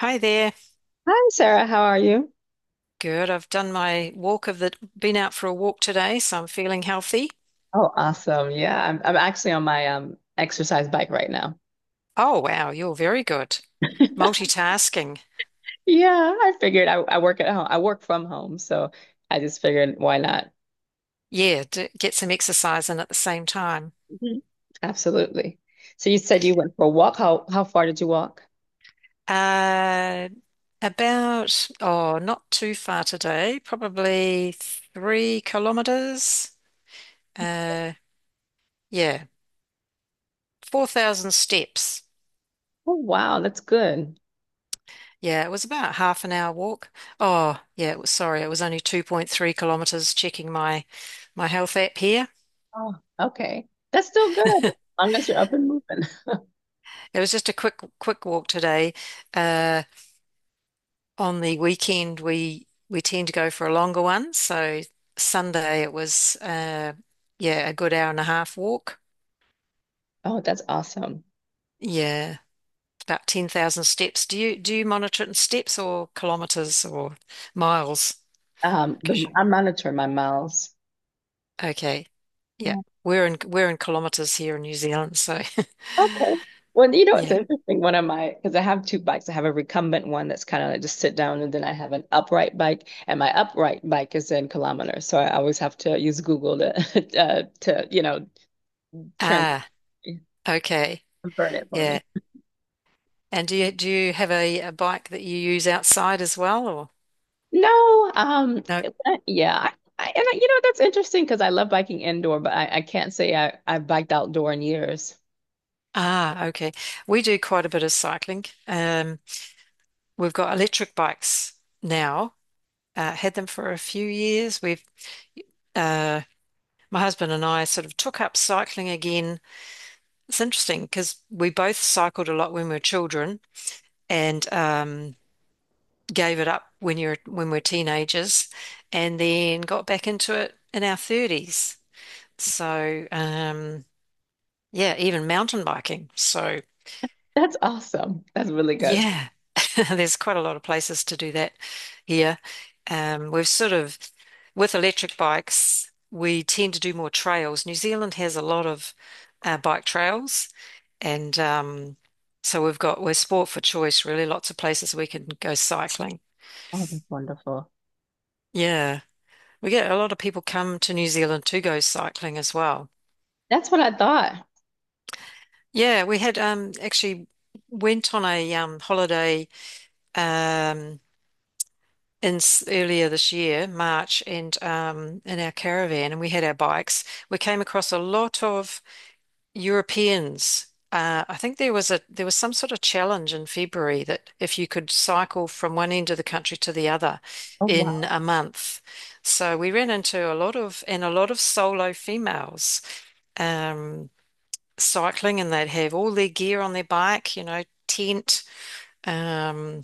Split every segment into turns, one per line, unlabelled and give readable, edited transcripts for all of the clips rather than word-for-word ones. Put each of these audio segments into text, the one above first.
Hi there.
Hi, Sarah. How are you?
Good. I've done my walk of the, been out for a walk today, so I'm feeling healthy.
Oh, awesome. Yeah, I'm actually on my exercise bike right now.
Oh, wow. You're very good. Multitasking.
Yeah, I figured I work at home. I work from home, so I just figured why not?
Yeah, d get some exercise in at the same time.
Mhm. Absolutely. So you said you went for a walk. How far did you walk?
Uh, about not too far today, probably 3 kilometers. Uh, yeah, 4,000 steps.
Oh, wow, that's good.
Yeah, it was about half an hour walk. Oh, yeah, it was, sorry, it was only 2.3 kilometers checking my health app here.
Oh, okay. That's still good, as long as you're up and moving.
It was just a quick walk today. Uh, on the weekend, we tend to go for a longer one. So Sunday it was yeah a good hour and a half walk.
Oh, that's awesome.
Yeah, about 10,000 steps. Do you monitor it in steps or kilometers or miles? 'Cause you-
I monitor my miles.
okay, yeah, we're in kilometers here in New Zealand. So
Okay. Well, you know, it's
yeah.
interesting. Because I have two bikes. I have a recumbent one that's kind of like just sit down, and then I have an upright bike, and my upright bike is in kilometers. So I always have to use Google to, to you know, trans
Ah, okay,
convert it for me.
yeah. And do you have a bike that you use outside as well or?
No, yeah, and you know, that's interesting because I love biking indoor, but I can't say I've biked outdoor in years.
Ah, okay. We do quite a bit of cycling. We've got electric bikes now. Had them for a few years. We've uh, my husband and I sort of took up cycling again. It's interesting because we both cycled a lot when we were children and gave it up when we're teenagers, and then got back into it in our thirties. So um, yeah, even mountain biking. So.
That's awesome. That's really good.
Yeah, there's quite a lot of places to do that here. Um, we've sort of, with electric bikes, we tend to do more trails. New Zealand has a lot of bike trails, and so we're sport for choice, really. Lots of places we can go cycling.
Oh, that's wonderful.
Yeah, we get a lot of people come to New Zealand to go cycling as well.
That's what I thought.
Yeah, we had actually went on a holiday. um, Earlier this year, March, and in our caravan, and we had our bikes. We came across a lot of Europeans. I think there was some sort of challenge in February that if you could cycle from one end of the country to the other
Oh,
in
wow.
a month. So we ran into a lot of solo females um, cycling, and they'd have all their gear on their bike, you know, tent, um,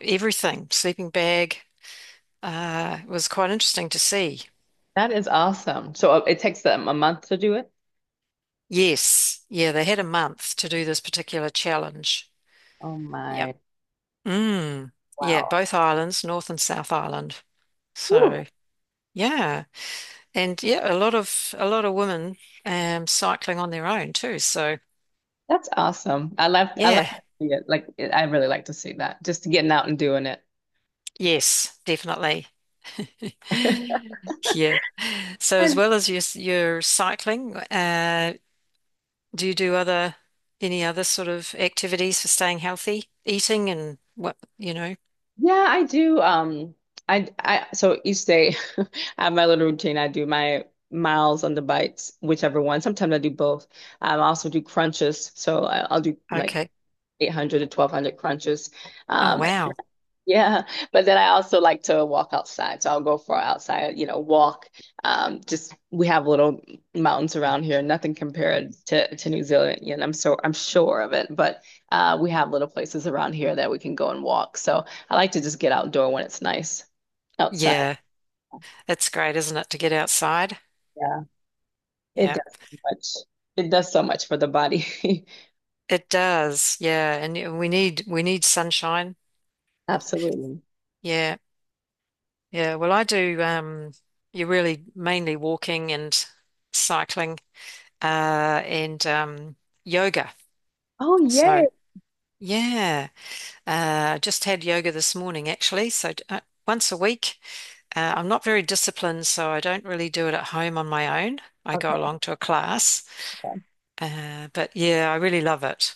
everything, sleeping bag. It was quite interesting to see.
That is awesome. So it takes them a month to do it?
Yes. Yeah, they had a month to do this particular challenge.
Oh
Yeah.
my,
Mm. Yeah,
wow.
both islands, North and South Island. So,
Woo,
yeah. And yeah, a lot of women cycling on their own too. So,
that's awesome. I like
yeah.
to see it. I really like to see that. Just getting out and doing it.
Yes, definitely. Yeah. So as
And-
well as your cycling, do you do other any other sort of activities for staying healthy, eating and what, you know?
yeah, I do. I so each day I have my little routine. I do my miles on the bikes, whichever one. Sometimes I do both. I also do crunches. So I'll do like
Okay.
800 to 1200 crunches.
Oh,
Um,
wow.
Yeah, but then I also like to walk outside. So I'll go for an outside, you know, walk. Just We have little mountains around here, nothing compared to New Zealand, and I'm sure of it, but we have little places around here that we can go and walk. So I like to just get outdoor when it's nice outside.
Yeah, it's great, isn't it, to get outside?
Yeah. It
Yeah,
does so much. It does so much for the body.
it does. Yeah, and we need sunshine.
Absolutely.
Yeah, yeah. Well, I do. You're really mainly walking and cycling, and yoga.
Oh,
So
yay.
yeah, just had yoga this morning actually. So once a week. I'm not very disciplined, so I don't really do it at home on my own. I
Okay.
go along to a class, but yeah, I really love it.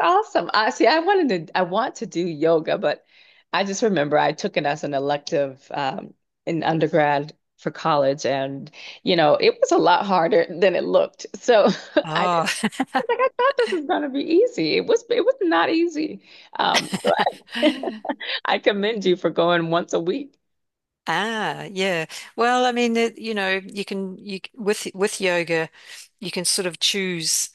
Awesome. I see. I want to do yoga, but I just remember I took it as an elective in undergrad for college, and you know it was a lot harder than it looked. So I just
Oh,
I thought this was going to be easy. It was not easy. Um, so I, I commend you for going once a week.
Ah, yeah. Well, I mean, it, you know, you can you c- with yoga, you can sort of choose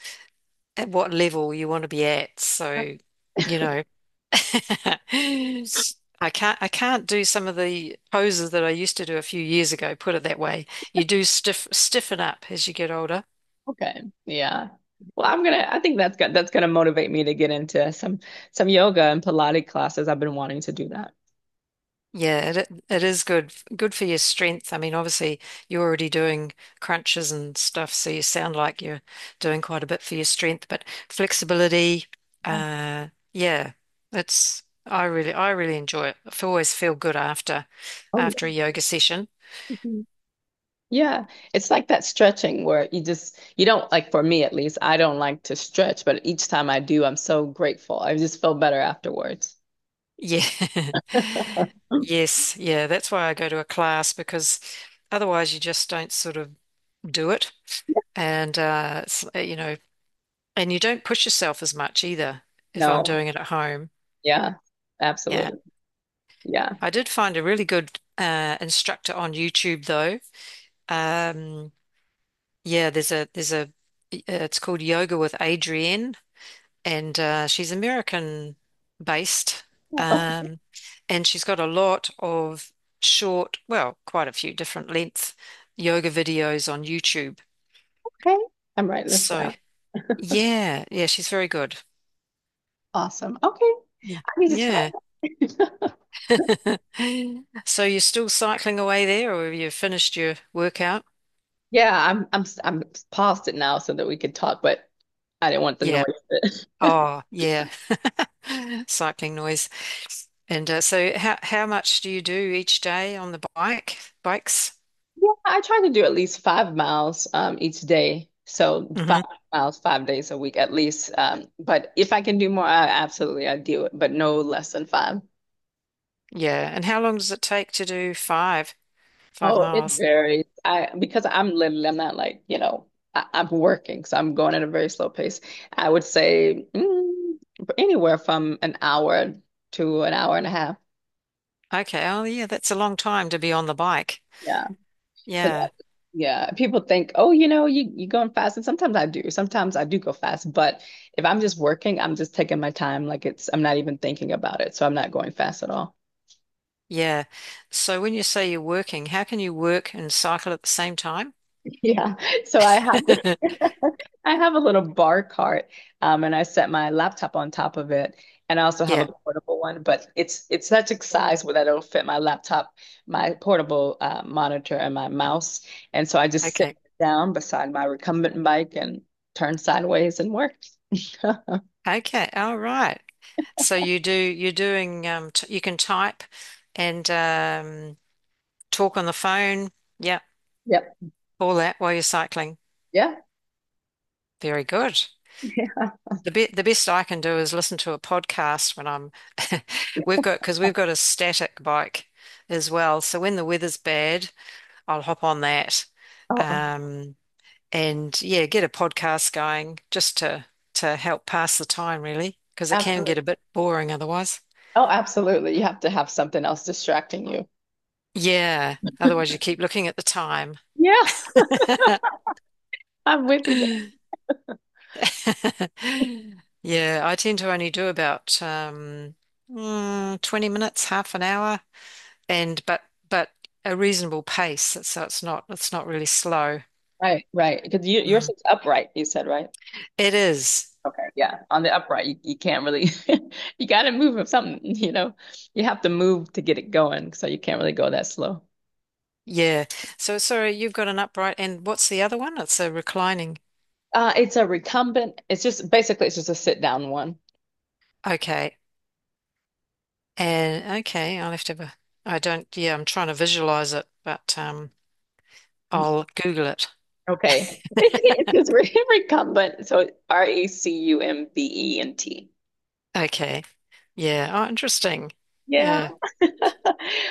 at what level you want to be at. So, you know, I can't do some of the poses that I used to do a few years ago, put it that way. You do stiffen up as you get older.
Okay. Yeah. Well, I think that's gonna That's gonna motivate me to get into some yoga and Pilates classes. I've been wanting to do that.
Yeah, it is good for your strength. I mean, obviously you're already doing crunches and stuff, so you sound like you're doing quite a bit for your strength, but flexibility, yeah, it's I really enjoy it. I always feel good after
Oh,
a yoga session.
yeah. Yeah, it's like that stretching where you just, you don't like, for me at least, I don't like to stretch, but each time I do, I'm so grateful. I just feel better afterwards.
Yeah.
Mm.
Yes, yeah, that's why I go to a class because otherwise you just don't sort of do it.
Yeah.
And uh, it's, uh, you know, And you don't push yourself as much either if I'm
No,
doing it at home.
yeah,
Yeah.
absolutely. Yeah.
I did find a really good instructor on YouTube though. Um, yeah, there's a, it's called Yoga with Adrienne and she's American based.
Yeah. Okay.
Um, and she's got a lot of short, well, quite a few different length yoga videos on YouTube.
Okay. I'm writing this
So,
down.
yeah, yeah, she's very good.
Awesome. Okay.
Yeah.
I need to
Yeah.
try.
So you're still cycling away there, or have you finished your workout?
Yeah, I'm paused it now so that we could talk, but I didn't want the
Yeah.
noise.
Oh, yeah. Cycling noise. And so how much do you do each day on the bike? Bikes?
Yeah, I try to do at least 5 miles each day. So five
Hmm.
miles, 5 days a week at least. But if I can do more, I do it, but no less than five.
Yeah. And how long does it take to do five
Oh, it
miles?
varies. I because I'm literally I'm not like, you know, I'm working, so I'm going at a very slow pace. I would say anywhere from an hour to an hour and a half.
Okay. Oh, yeah, that's a long time to be on the bike.
Yeah. Because
Yeah.
yeah, people think, oh, you know, you going fast, and sometimes I do. Sometimes I do go fast, but if I'm just working, I'm just taking my time. I'm not even thinking about it, so I'm not going fast at all.
Yeah. So when you say you're working, how can you work and cycle at the same time?
Yeah. So I have I have a little bar cart, and I set my laptop on top of it, and I also have a
Yeah.
portable one. But it's such a size where that it'll fit my laptop, my portable monitor, and my mouse, and so I just sit
Okay.
down beside my recumbent bike and turn sideways and work.
Okay. All right. So you're doing t you can type and talk on the phone. Yeah,
Yep.
all that while you're cycling.
Yeah.
Very good.
Yeah.
The best I can do is listen to a podcast when I'm we've got because we've got a static bike as well. So when the weather's bad, I'll hop on that.
Oh,
Um and yeah, get a podcast going just to help pass the time really, because it can get
absolutely.
a bit boring otherwise.
Oh, absolutely. You have to have something else distracting you.
Yeah, otherwise you keep looking at the time.
Yeah, I'm with you there.
Yeah, I tend to only do about 20 minutes, half an hour, and but a reasonable pace, so it's not really slow.
Right, right. Because yours
Mm.
is upright, you said, right?
It is.
Okay, yeah. On the upright, you can't really, you got to move with something, you know. You have to move to get it going, so you can't really go that slow.
Yeah. So sorry, you've got an upright and what's the other one? It's a reclining.
It's a recumbent. It's just a sit down one.
Okay. And okay, I'll have to have a I don't yeah, I'm trying to visualize it, but I'll Google it.
Okay. It's just recumbent. So recumbent.
Okay. Yeah. Oh, interesting.
Yeah.
Yeah.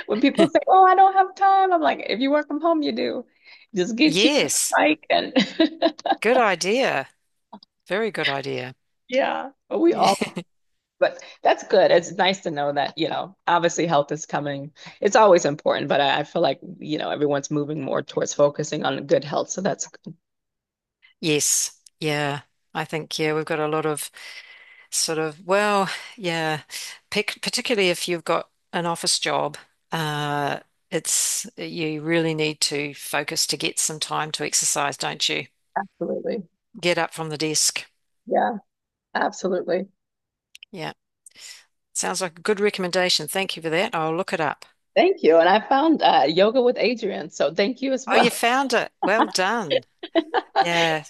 When people say, "Oh, I don't have time," I'm like, "If you work from home, you do. Just get you a
Yes.
bike and
Good idea. Very good idea.
yeah." But we
Yeah.
all, but that's good. It's nice to know that, you know, obviously health is coming. It's always important, but I feel like, you know, everyone's moving more towards focusing on good health, so that's good.
Yes. Yeah. I think, yeah, we've got a lot of sort of, well, yeah, pic particularly if you've got an office job, uh, it's, you really need to focus to get some time to exercise, don't you?
Absolutely.
Get up from the desk.
Yeah, absolutely.
Yeah. Sounds like a good recommendation. Thank you for that. I'll look it up.
Thank you. And I found yoga with Adrienne, so thank you as
Oh,
well.
you found it. Well done. Yeah.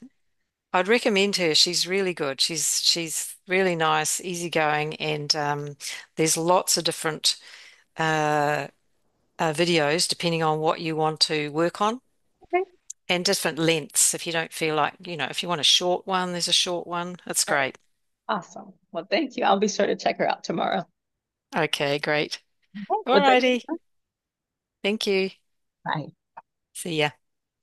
I'd recommend her. She's really good. She's really nice, easygoing, and there's lots of different uh, videos depending on what you want to work on
Okay. All
and different lengths. If you don't feel like, you know, if you want a short one, there's a short one. That's
right.
great.
Awesome. Well, thank you. I'll be sure to check her out tomorrow.
Okay, great.
Oh,
All
well, thank you.
righty.
Go.
Thank you.
Bye.
See ya.